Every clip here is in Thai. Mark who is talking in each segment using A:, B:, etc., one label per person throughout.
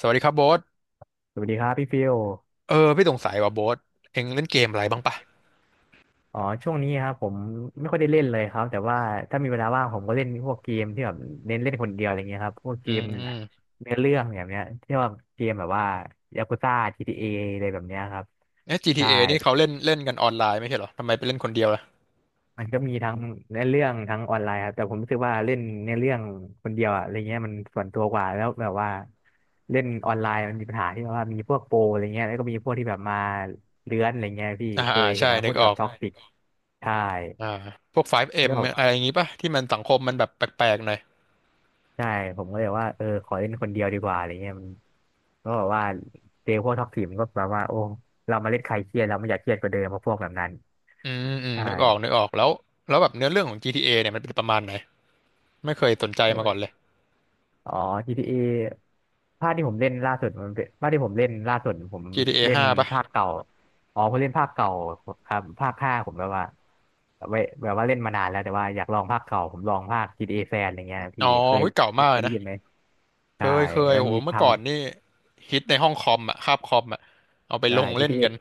A: สวัสดีครับโบ๊ท
B: สวัสดีครับพี่ฟิล
A: เออพี่สงสัยว่าโบ๊ทเอ็งเล่นเกมอะไรบ้างปะ
B: ช่วงนี้ครับผมไม่ค่อยได้เล่นเลยครับแต่ว่าถ้ามีเวลาว่างผมก็เล่นพวกเกมที่แบบเน้นเล่นคนเดียวอะไรเงี้ยครับพวกเก
A: อื
B: ม
A: ม
B: เนื้อเรื่องแบบเนี้ยที่ว่าเกมแบบว่ายากุซ่า GTA ออะไรแบบเนี้ยครับ
A: เอ๊ะ
B: ใช่
A: GTA นี่เขาเล่นเล่นกันออนไลน์ไม่ใช่เหรอทำไมไปเล่นคนเดียวล่ะ
B: มันก็มีทั้งเนื้อเรื่องทั้งออนไลน์ครับแต่ผมรู้สึกว่าเล่นเนื้อเรื่องคนเดียวอะอะไรเงี้ยมันส่วนตัวกว่าแล้วแบบว่าเล่นออนไลน์มันมีปัญหาที่ว่ามีพวกโปรอะไรเงี้ยแล้วก็มีพวกที่แบบมาเลื้อนอะไรเงี้ยพี่
A: อ่า
B: เค
A: อ่า
B: ยเห็
A: ใช่
B: นไหมพ
A: นึ
B: ว
A: ก
B: ก
A: อ
B: ที่
A: อ
B: แบบ
A: ก
B: ท็อกซิกใช่
A: อ่าพวก 5M
B: ก็
A: อม
B: แบ
A: อะไรอย่า
B: บ
A: งงี้ปะที่มันสังคมมันแบบแปลกๆหน่อย
B: ใช่ผมก็เลยว่าเออขอเล่นคนเดียวดีกว่าอะไรเงี้ยมันก็แบบว่าเจอพวกท็อกซีมันก็แบบว่าโอ้เรามาเล่นใครเครียดเราไม่อยากเครียดกว่าเดิมเพราะพวกแบบนั้น
A: อืมอืม
B: ใช่
A: นึกออกนึกออกแล้วแล้วแบบเนื้อเรื่องของ GTA เอเนี่ยมันเป็นประมาณไหนไม่เคยสนใจ
B: ไมัน
A: มาก่อนเลย
B: อ๋อ GTA ภาคที่ผมเล่นล่าสุดมันเป็นภาคที่ผมเล่นล่าสุดผม
A: GTA
B: เล่น
A: ห้าปะ
B: ภาคเก่าอ๋อผมเล่นภาคเก่าครับภาค 5ผมแบบว่าไว้แบบว่าเล่นมานานแล้วแต่ว่าอยากลองภาคเก่าผมลองภาค GTA แฟนอะไรเงี้ย
A: อ๋
B: พี่
A: อ
B: เคย
A: หุ้ยเก่ามาก
B: เค
A: เล
B: ย
A: ย
B: ได้
A: นะ
B: ยินไหม
A: เค
B: ใช่
A: ยเคย
B: มัน
A: โห
B: มีท
A: เมื่อก่อนนี่ฮิตในห้องคอมอะคาบคอมอะเอาไป
B: ำใช่
A: ลงเล่น
B: GTA
A: กัน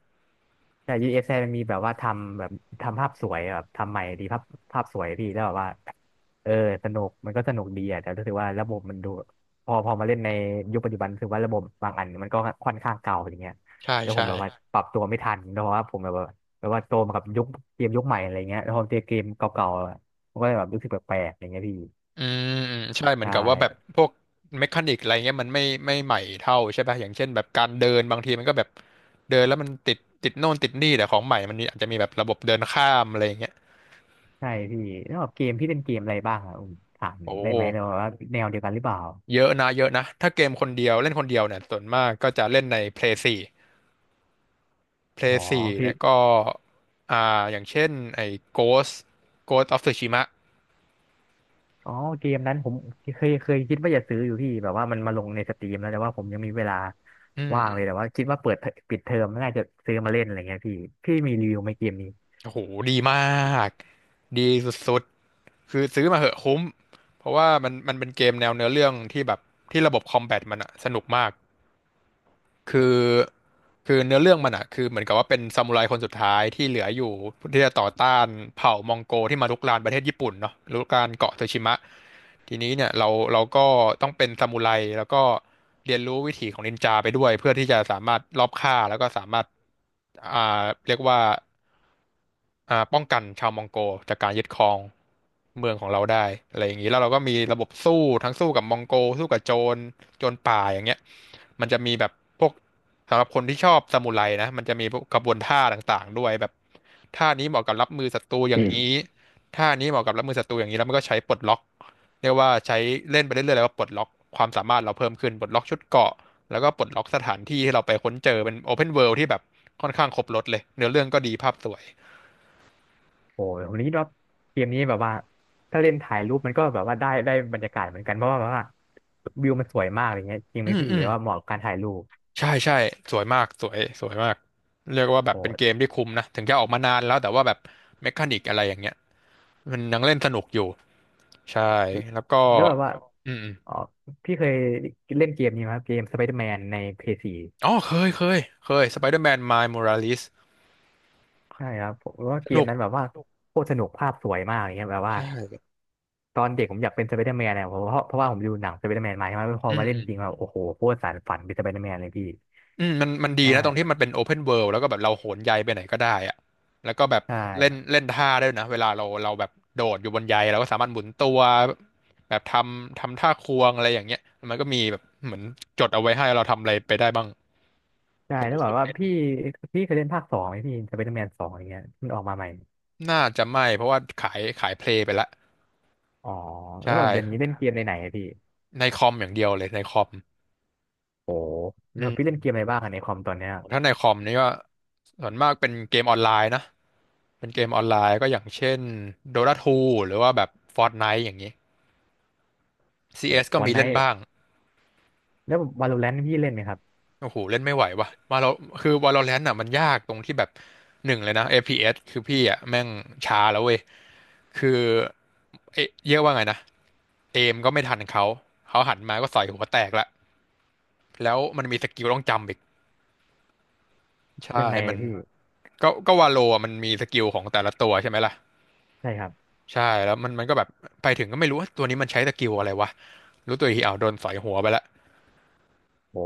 B: แต่ UFC มันมีแบบว่าทำแบบทำภาพสวยแบบทำใหม่ดีภาพภาพสวยพี่แล้วแบบว่าเออสนุกมันก็สนุกดีอ่ะแต่รู้สึกว่าระบบมันดูพอมาเล่นในยุคปัจจุบันรู้สึกว่าระบบบางอันมันก็ค่อนข้างเก่าอย่างเงี้ย
A: ใช่
B: แล้วผ
A: ใช่
B: มแบบว่าปรับตัวไม่ทันเพราะว่าผมแบบว่าแบบว่าโตมากับยุคเกมยุคใหม่อะไรเงี้ยแล้วพอเจอเกมเก่าๆอะมันก็เลยแบบรู้สึกแปลกๆอย่างเงี้ยพี่
A: อืมอืมใช่เหมือ
B: ใช่
A: นกับว่าแบบพวกเมคานิกอะไรเงี้ยมันไม่ใหม่เท่าใช่ป่ะอย่างเช่นแบบการเดินบางทีมันก็แบบเดินแล้วมันติดติดโน่นติดนี่แต่ของใหม่มันมีอาจจะมีแบบระบบเดินข้ามอะไรเงี้ย
B: ใช่พี่แล้วแบบเกมพี่เล่นเกมอะไรบ้างอ่ะถาม
A: โอ
B: ได้ไหมเนอะ
A: ้
B: ว่าแนวเดียวกันหรือเปล่า
A: เยอะนะเยอะนะถ้าเกมคนเดียวเล่นคนเดียวเนี่ยส่วนมากก็จะเล่นใน Play 4 Play
B: อ๋อ
A: 4
B: พี่
A: เนี่ยก็อ่าอย่างเช่นไอ้ Ghost Ghost of Tsushima
B: อ๋อเกมนั้นผมเคยคิดว่าจะซื้ออยู่พี่แบบว่ามันมาลงในสตรีมแล้วแต่ว่าผมยังมีเวลา
A: อืม
B: ว่าง
A: อื
B: เล
A: ม
B: ยแต่ว่าคิดว่าเปิดเทอปิดเทอมน่าจะซื้อมาเล่นอะไรเงี้ยพี่พี่มีรีวิวไหมเกมนี้
A: โอ้โหดีมากดีสุด คือซื้อมาเหอะคุ้มเพราะว่ามันเป็นเกมแนวเนื้อเรื่องที่แบบที่ระบบคอมแบทมันอะสนุกมากคือเนื้อเรื่องมันอะคือเหมือนกับว่าเป็นซามูไรคนสุดท้ายที่เหลืออยู่ที่จะต่อต้านเผ่ามองโกที่มารุกรานประเทศญี่ปุ่นเนาะรุกรานเกาะโตชิมะ ทีนี้เนี่ยเราก็ต้องเป็นซามูไรแล้วก็เรียนรู้วิถีของนินจาไปด้วยเพื่อที่จะสามารถลอบฆ่าแล้วก็สามารถอ่าเรียกว่าป้องกันชาวมองโกจากการยึดครองเมืองของเราได้อะไรอย่างนี้แล้วเราก็มีระบบสู้ทั้งสู้กับมองโกสู้กับโจรโจรป่าอย่างเงี้ยมันจะมีแบบพวกสำหรับคนที่ชอบซามูไรนะมันจะมีพวกกระบวนท่าต่างๆด้วยแบบท่านี้เหมาะกับรับมือศัตรูอย่างนี้ท่านี้เหมาะกับรับมือศัตรูอย่างนี้แล้วมันก็ใช้ปลดล็อก เรียกว่าใช้เล่นไปเรื่อยๆแล้วก็ปลดล็อกความสามารถเราเพิ่มขึ้นปลดล็อกชุดเกราะแล้วก็ปลดล็อกสถานที่ที่เราไปค้นเจอเป็นโอเพนเวิลด์ที่แบบค่อนข้างครบรถเลยเนื้อเรื่องก็ดีภาพสวย
B: โอ้ยผมคิดว่าเกมนี้แบบว่าถ้าเล่นถ่ายรูปมันก็แบบว่าได้บรรยากาศเหมือนกันเพราะว่าแบบว่าวิวมันสวยมากอะไรเงี้ยจริงไห
A: อื
B: ม
A: ม
B: พี่
A: อื
B: หรื
A: ม
B: อว่าเหมาะกับการถ่ายรูป
A: ใช่ใช่สวยมากสวยสวยมากเรียกว่าแบบ
B: โอ้
A: เป็น
B: ย
A: เกมที่คุ้มนะถึงจะออกมานานแล้วแต่ว่าแบบเมคานิกอะไรอย่างเงี้ยมันยังเล่นสนุกอยู่ใช่แล้วก็
B: แล้วแบบว่า
A: อืมอม
B: อ๋อพี่เคยเล่นเกมนี้ไหมครับเกมสไปเดอร์แมนในเพย์ซี
A: อ๋อเคยเคยเคยสไปเดอร์แมนไมาย o r ราลิส
B: ใช่ครับผมว่า
A: ส
B: เกม
A: นุก
B: นั้นแบบว่าโคตรสนุกภาพสวยมากอย่างเงี้ยแบบว่า
A: ใช่
B: ตอนเด็กผมอยากเป็นสไปเดอร์แมนนะเพราะว่าผมดูหนังสไปเดอร์แมนมาใช่ไหมพอ
A: อืม
B: มาเล่
A: อื
B: น
A: ม
B: จริงแล้วโอ้โหโคตรสานฝันเป็นสไปเดอร์แมนเลยพี่
A: อืมมันมันดี
B: ใช่
A: นะตรงที่มันเป็นโอเพนเวิ d แล้วก็แบบเราโหนใยไปไหนก็ได้อะแล้
B: ม
A: วก็แบบ
B: ใช
A: เล่น
B: ่
A: เล่นท่าได้ด้วยนะเวลาเราแบบโดดอยู่บนใยเราก็สามารถหมุนตัวแบบทำทำท่าควงอะไรอย่างเงี้ยมันก็มีแบบเหมือนจดเอาไว้ให้เราทำอะไรไปได้บ้าง
B: ใช่แใล้วบอกว่าพี่พี่เคยเล่นภาค 2ไหมพี่สไปเดอร์แมนสองอย่างเงี้ยมันออกมาใหม่
A: น่าจะไม่เพราะว่าขายเพลย์ไปละ
B: อ๋อแล้
A: ใช่
B: วแบบเดี๋ยวนี้เล่นเกมในไหนอะพี่
A: ในคอมอย่างเดียวเลยในคอม
B: โอ้
A: อื
B: แล้วพี่
A: ม
B: เล่นเกมอะไรบ้างอะในคอมตอนเนี้ย
A: ถ้าในคอมนี่ก็ส่วนมากเป็นเกมออนไลน์นะเป็นเกมออนไลน์ก็อย่างเช่น Dota 2หรือว่าแบบ Fortnite อย่างนี้ซี
B: โอ้
A: เอสก็
B: วัน
A: มี
B: ไน
A: เล่น
B: ท์
A: บ้าง
B: แล้ววาโลแรนต์พี่เล่นไหมครับ
A: โอ้โหเล่นไม่ไหวว่ะมาเราคือ Valorant อ่ะมันยากตรงที่แบบหนึ่งเลยนะเ PS คือพี่อ่ะแม่งช้าแล้วเว้ยคือเอ๊ะเรียกว่าไงนะเอมก็ไม่ทันเขาเขาหันมาก็ใส่หัวแตกละแล้วมันมีสกิลต้องจำอีกใช่
B: ยังไง
A: มัน
B: พี่
A: ก็วาโลอะมันมีสกิลของแต่ละตัวใช่ไหมล่ะ
B: ใช่ครับ
A: ใช่แล้วมันมันก็แบบไปถึงก็ไม่รู้ว่าตัวนี้มันใช้สกิลอะไรวะรู้ตัวอีกทีอ้าวโดนใส่หัวไปละ
B: โอ้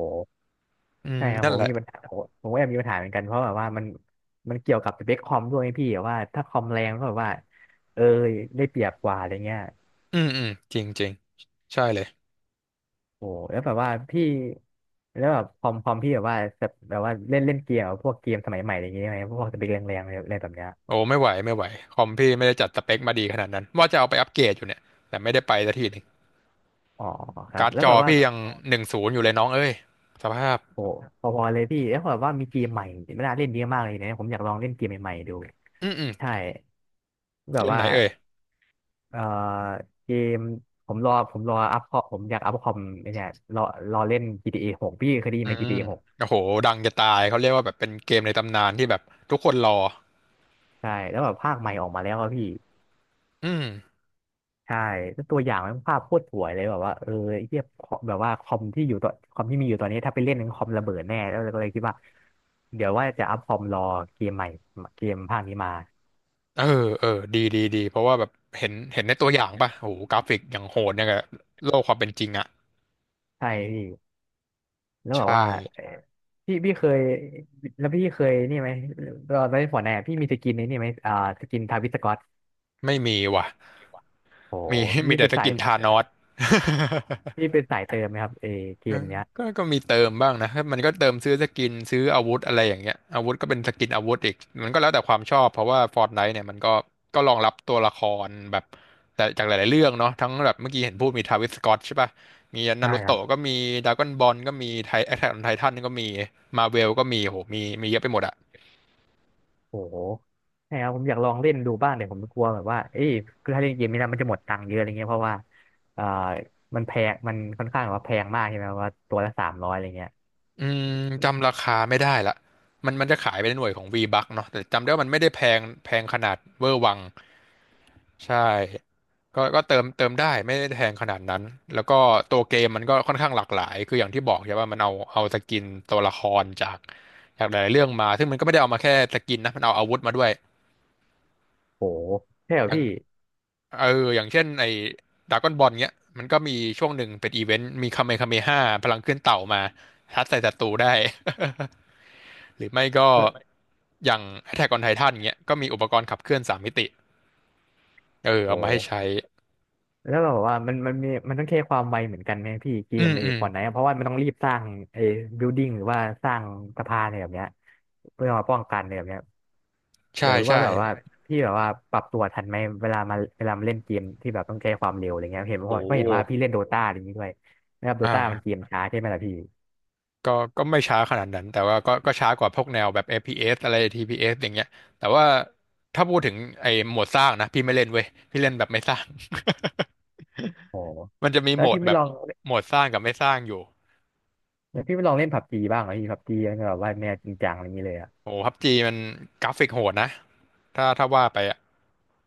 A: อืม
B: ใช่ครับ
A: นั่
B: ผ
A: น
B: ม
A: แหละ
B: มีปัญหาผมก็แอบมีปัญหาเหมือนกันเพราะแบบว่ามันเกี่ยวกับสเปคคอมด้วยไงพี่แบบว่าถ้าคอมแรงก็แบบว่าเออได้เปรียบกว่าอะไรเงี้ย
A: อืมอืมจริงจริงใช่เลย
B: โอ้แล้วแบบว่าพี่แล้วแบบคอมพี่แบบว่าแบบว่าเล่นเล่นเกมแบบพวกเกมสมัยใหม่อะไรเงี้ยไหมพวกสเปคแรงๆอะไรอะไรแบบเนี้ย
A: โอ้ไม่ไหวไม่ไหวคอมพี่ไม่ได้จัดสเปคมาดีขนาดนั้นว่าจะเอาไปอัปเกรดอยู่เนี่ยแต่ไม่ได้ไปสักทีหนึง
B: อ๋อครับ
A: การ์ด
B: แล้ว
A: จอ
B: แบบว่า
A: พี่ยัง10อยู่เลยน้องเอ้ยสภาพ
B: โอ้พอๆเลยพี่แล้วแบบว่ามีเกมใหม่ไม่น่าเล่นเยอะมากเลยนะผมอยากลองเล่นเกมใหม่ๆดู
A: อืมอืม
B: ใช่แบ
A: เก
B: บ
A: มไห
B: ว่า
A: นเอ่ย
B: เอ่อเกมผมรออัพคอมผมอยากอัพคอมไอ้เนี่ยรอรอเล่น GTA 6พี่เคยได้ยิน
A: อื
B: ไหม
A: ม
B: GTA 6
A: โอ้โหดังจะตายเขาเรียกว่าแบบเป็นเกมในตำนานที่แบบทุกคนรอ
B: ใช่แล้วแบบภาคใหม่ออกมาแล้วอะพี่
A: อืม
B: ใช่แล้วตัวอย่างมันภาพโคตรสวยเลยแบบว่าเออไอ้เทียบแบบว่าคอมที่มีอยู่ตอนนี้ถ้าไปเล่นคอมระเบิดแน่แล้วก็เลยคิดว่าเดี๋ยวว่าจะอัพคอมรอเกมใหม่เกมภาคนี้มา
A: เออเออดีดีดีเพราะว่าแบบเห็นในตัวอย่างป่ะโอ้โหกราฟิกอย่างโหดเนี่ยกับโลกความเป็นจริงอ่ะ
B: ใช่พี่แล้ว
A: ใช
B: แบบว่าเอ่
A: ่
B: อพี่พี่เคยแล้วพี่เคยนี่ไหมตอนเล่นฟอร์ตไนพี่มีสกินในนี่ไหมอ่าสกินทาวิสกอ
A: ไม่มีว่ะ
B: โอ
A: มี
B: ห
A: มี
B: นี่
A: แต่
B: เป็น
A: ส
B: สาย
A: กินธานอส
B: นี่เป็นสายเติมไหมครับเอเก
A: เอ
B: ม
A: อ
B: เนี้ย
A: ก็ก็มีเติมบ้างนะ มันก็เติมซื้อสกินซื้ออาวุธอะไรอย่างเงี้ยอาวุธก็เป็นสกินอาวุธอีก มันก็แล้วแต่ความชอบ เพราะว่า Fortnite เนี่ยมันก็รองรับตัวละครแบบแต่จากหลายๆเรื่องเนาะทั้งแบบเมื่อกี้เห็นพูดมีทาวิสสก็อตใช่ป่ะมีนา
B: ใช่
A: รู
B: ครับ
A: โตะก็มีดราก้อนบอลก็มีไทแอทแทคออนไททันก็มีมาเวลก็มีโหมี มีเยอะไปหมดอะ
B: โอ้โหใช่ครับผมอยากลองเล่นดูบ้างแต่ผมกลัวแบบว่าเอ้ยคือถ้าเล่นเกมนี้นะมันจะหมดตังค์เยอะอะไรเงี้ยเพราะว่าเอ่อมันแพงมันค่อนข้างแบบว่าแพงมากใช่ไหมว่าตัวละ300อะไรเงี้ย
A: อืมจำราคาไม่ได้ละมันจะขายไปในหน่วยของ V-Bucks เนาะแต่จำได้ว่ามันไม่ได้แพงแพงขนาดเวอร์วัง ใช่ก็เติมได้ไม่ได้แพงขนาดนั้น แล้วก็ตัวเกมมันก็ค่อนข้างหลากหลาย คืออย่างที่บอกใช่ว่ามันเอาสกินตัวละครจากหลายๆเรื่องมา ซึ่งมันก็ไม่ได้เอามาแค่สกินนะ มันเอาอาวุธมาด้วย
B: โอ้โหใช่เหร
A: อ
B: อ
A: ย่าง
B: พี่
A: เอออย่างเช่นไอ้ดราก้อนบอลเนี้ยมันก็มีช่วงหนึ่งเป็นอีเวนต์มีคาเมคาเมห้าพลังขึ้นเต่ามาทัดใส่ศัตรูได้ หรือไม่ก็
B: แล้ว
A: อย่าง Attack on Titan เงี้ยก็มีอุปกรณ์ขับเคลื่อนสามมิติเออเอา
B: โอ้
A: มา
B: โห
A: ให้ใช้
B: แล้วแบบว่ามันมีมันต้องแค่ความไวเหมือนกันไหมพี่เก
A: อื
B: ม
A: ม
B: ไอ้
A: อืม
B: ฟอร์ตไนท์เพราะว่ามันต้องรีบสร้างไอ้บิลดิ้งหรือว่าสร้างสะพานอะไรแบบเนี้ยเพื่อมาป้องกันอะไรแบบเนี้ย อ
A: ใช่
B: ยากรู้ว่า
A: ใช่
B: แบบว่าพี่แบบว่าปรับตัวทันไหมเวลามาเล่นเกมที่แบบต้องใช้ความเร็วอะไรเงี้ยเห็นเพ
A: โห
B: ราะเพราะเห็นว่าพี่เล่นโดตาอะไรอย่างงี้ด้วยนะครับ
A: อ
B: โดตามันเก
A: ่า
B: มช้าใช่ไหมล่ะพี่
A: ก็ก็ไม่ช้าขนาดนั้นแต่ว่าก็ช้ากว่าพวกแนวแบบ FPS อฟพีเอสอะไร TPS อสอย่างเงี้ยแต่ว่าถ้าพูดถึงไอ้โหมดสร้างนะพี่ไม่เล่นเว้ยพี่เล่นแบบไม่สร้าง
B: โอ้
A: มันจะมี
B: แล้
A: โหม
B: ว
A: ด
B: พี่ไม่
A: แบ
B: ล
A: บ
B: อง
A: โหมดสร้างกับไม่สร้างอยู่
B: แล้วพี่ไม่ลองเล่นผับจีบ้างเหรอพี่ผับจีมันแบบว่าแนวจริงจังอะไรอย่างงี้เลยอ่ะ
A: โอ้พับจีมันกราฟิกโหดนะถ้าว่าไปอ่ะ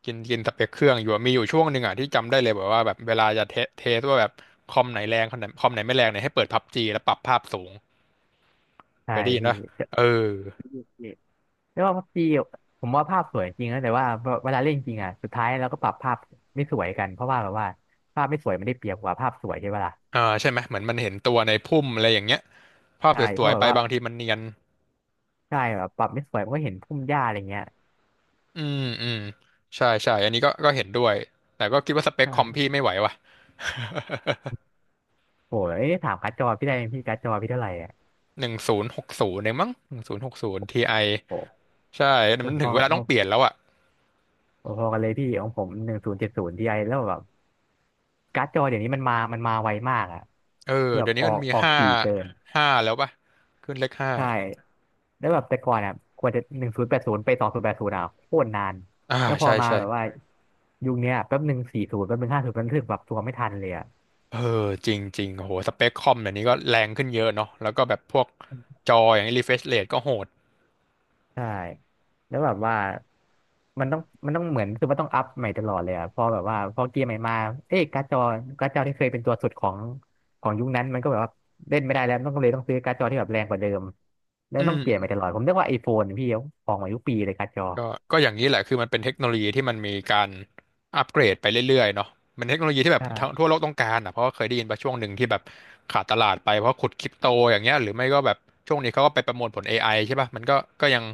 A: กินกินสเปคเครื่องอยู่อะมีอยู่ช่วงหนึ่งอ่ะที่จำได้เลยแบบว่าแบบเวลาจะเทสว่าแบบคอมไหนแรงคอมไหนไม่แรงเนี่ยให้เปิดพับจีแล้วปรับภาพสูงเค
B: ใช่
A: ยได้ยินปะ
B: พี่
A: เออ
B: นี่แล้วว่าผับจีผมว่าภาพสวยจริงนะแต่ว่าเวลาเล่นจริงอ่ะสุดท้ายเราก็ปรับภาพไม่สวยกันเพราะว่าแบบว่าภาพไม่สวยมันได้เปรียบกว่าภาพสวยใช่ปะล่ะ
A: อ่าใช่ไหมเหมือนมันเห็นตัวในพุ่มอะไรอย่างเงี้ยภาพ
B: ใช่
A: ส
B: เพ
A: ว
B: ราะ
A: ย
B: แบ
A: ๆ
B: บ
A: ไป
B: ว่า
A: บางทีมันเนียน
B: ใช่แบบปรับไม่สวยมันก็เห็นพุ่มหญ้าอะไรเงี้ย
A: อืมอืมใช่ใช่อันนี้ก็เห็นด้วยแต่ก็คิดว่าสเปค
B: ใช่
A: คอมพี่ไม่ไหวว่ะ
B: โอ้ยเอถามการ์ดจอพี่ได้ไหมพี่การ์ดจอพี่เท่าไหร่อ่ะ
A: หนึ่งศูนย์หกศูนย์เองมั้งหนึ่งศูนย์หกศูนย์ทีไอ
B: โอ้
A: ใช่
B: โห
A: มัน
B: พ
A: ถึ
B: อ
A: งเวลาต้องเป
B: พ
A: ลี่ยนแล้วอ่ะ
B: อพอกันเลยพี่ของผม1070 Tiแล้วแบบการ์ดจอเดี๋ยวนี้มันมาไวมากอ่ะ
A: เออ
B: แบบ
A: เดี๋ยว
B: อ
A: นี้
B: อ
A: มัน
B: ก
A: มี
B: ออก
A: ห้า
B: ถี่เกิน
A: แล้วป่ะขึ้นเลขห้า
B: ใช่แล้วแบบแต่ก่อนอ่ะกว่าจะ1080ไป2080อ่ะโคตรนาน
A: อ่า
B: แล้วพอ
A: ใช่
B: มา
A: ใช่
B: แบบว่า
A: ใช่
B: ยุคเนี้ยแป๊บ140แป๊บ150มันถึงแบบตัวไม่ทันเลยอ่ะ
A: เออจริงจริงโหสเปคคอมเดี๋ยวนี้ก็แรงขึ้นเยอะเนาะแล้วก็แบบพวกจออย่างรีเฟรชเรทก็โหด
B: ใช่แล้วแบบว่ามันต้องมันต้องเหมือนคือมันต้องอัพใหม่ตลอดเลยอะพอแบบว่าพอเกียร์ใหม่มาเอ๊ะการ์ดจอที่เคยเป็นตัวสุดของยุคนั้นมันก็แบบว่าเล่นไม่ได้แล้วต้องเลยต้องซื้อการ์ดจอที่แบบแรงกว่าเดิมแล้ว
A: อื
B: ต้อง
A: ม
B: เปลี่ยนใหม่ตลอดผมเรียกว่าไอโฟนพี่ออกมาทุกปีเลยการ์ดจอ
A: ก็ก็อย่างนี้แหละคือมันเป็นเทคโนโลยีที่มันมีการอัปเกรดไปเรื่อยๆเนาะมันเทคโนโลยีที่แบบทัวทั่ว
B: ใช่
A: โลกต้องการอ่ะเพราะว่าเคยได้ยินไปช่วงหนึ่งที่แบบขาดตลาดไปเพราะขุดคริปโตอย่างเงี้ยหรือไม่ก็แบบช่วงนี้เขาก็ไปประมวลผล AI ใช่ป่ะมันก็ยัง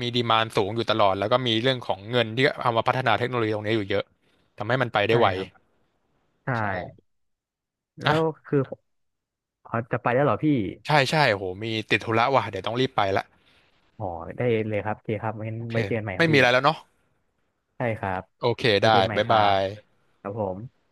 A: มีดีมานสูงอยู่ตลอดแล้วก็มีเรื่องของเงินที่เอามาพัฒนาเทคโนโลยีตรงนี้อยู่เยอะทำให้มันไปได้
B: ใช่
A: ไว
B: ครับใช่
A: ใช่อ่ะ
B: แล้วคืออ๋อจะไปแล้วเหรอพี่
A: ใช่ใช่โหมีติดธุระว่ะเดี๋ยวต้องรีบไปละ
B: อ๋อได้เลยครับโอเคครับงั้น
A: โอเค
B: ไว้เจอกันใหม่ค
A: ไม่
B: รับ
A: มี
B: พี่
A: อะไรแล้วเนาะ
B: ใช่ครับ
A: โอเค
B: ไว้เจ
A: ได้
B: อกันใหม่
A: บ๊าย
B: ครั
A: บา
B: บ
A: ย
B: ครับผม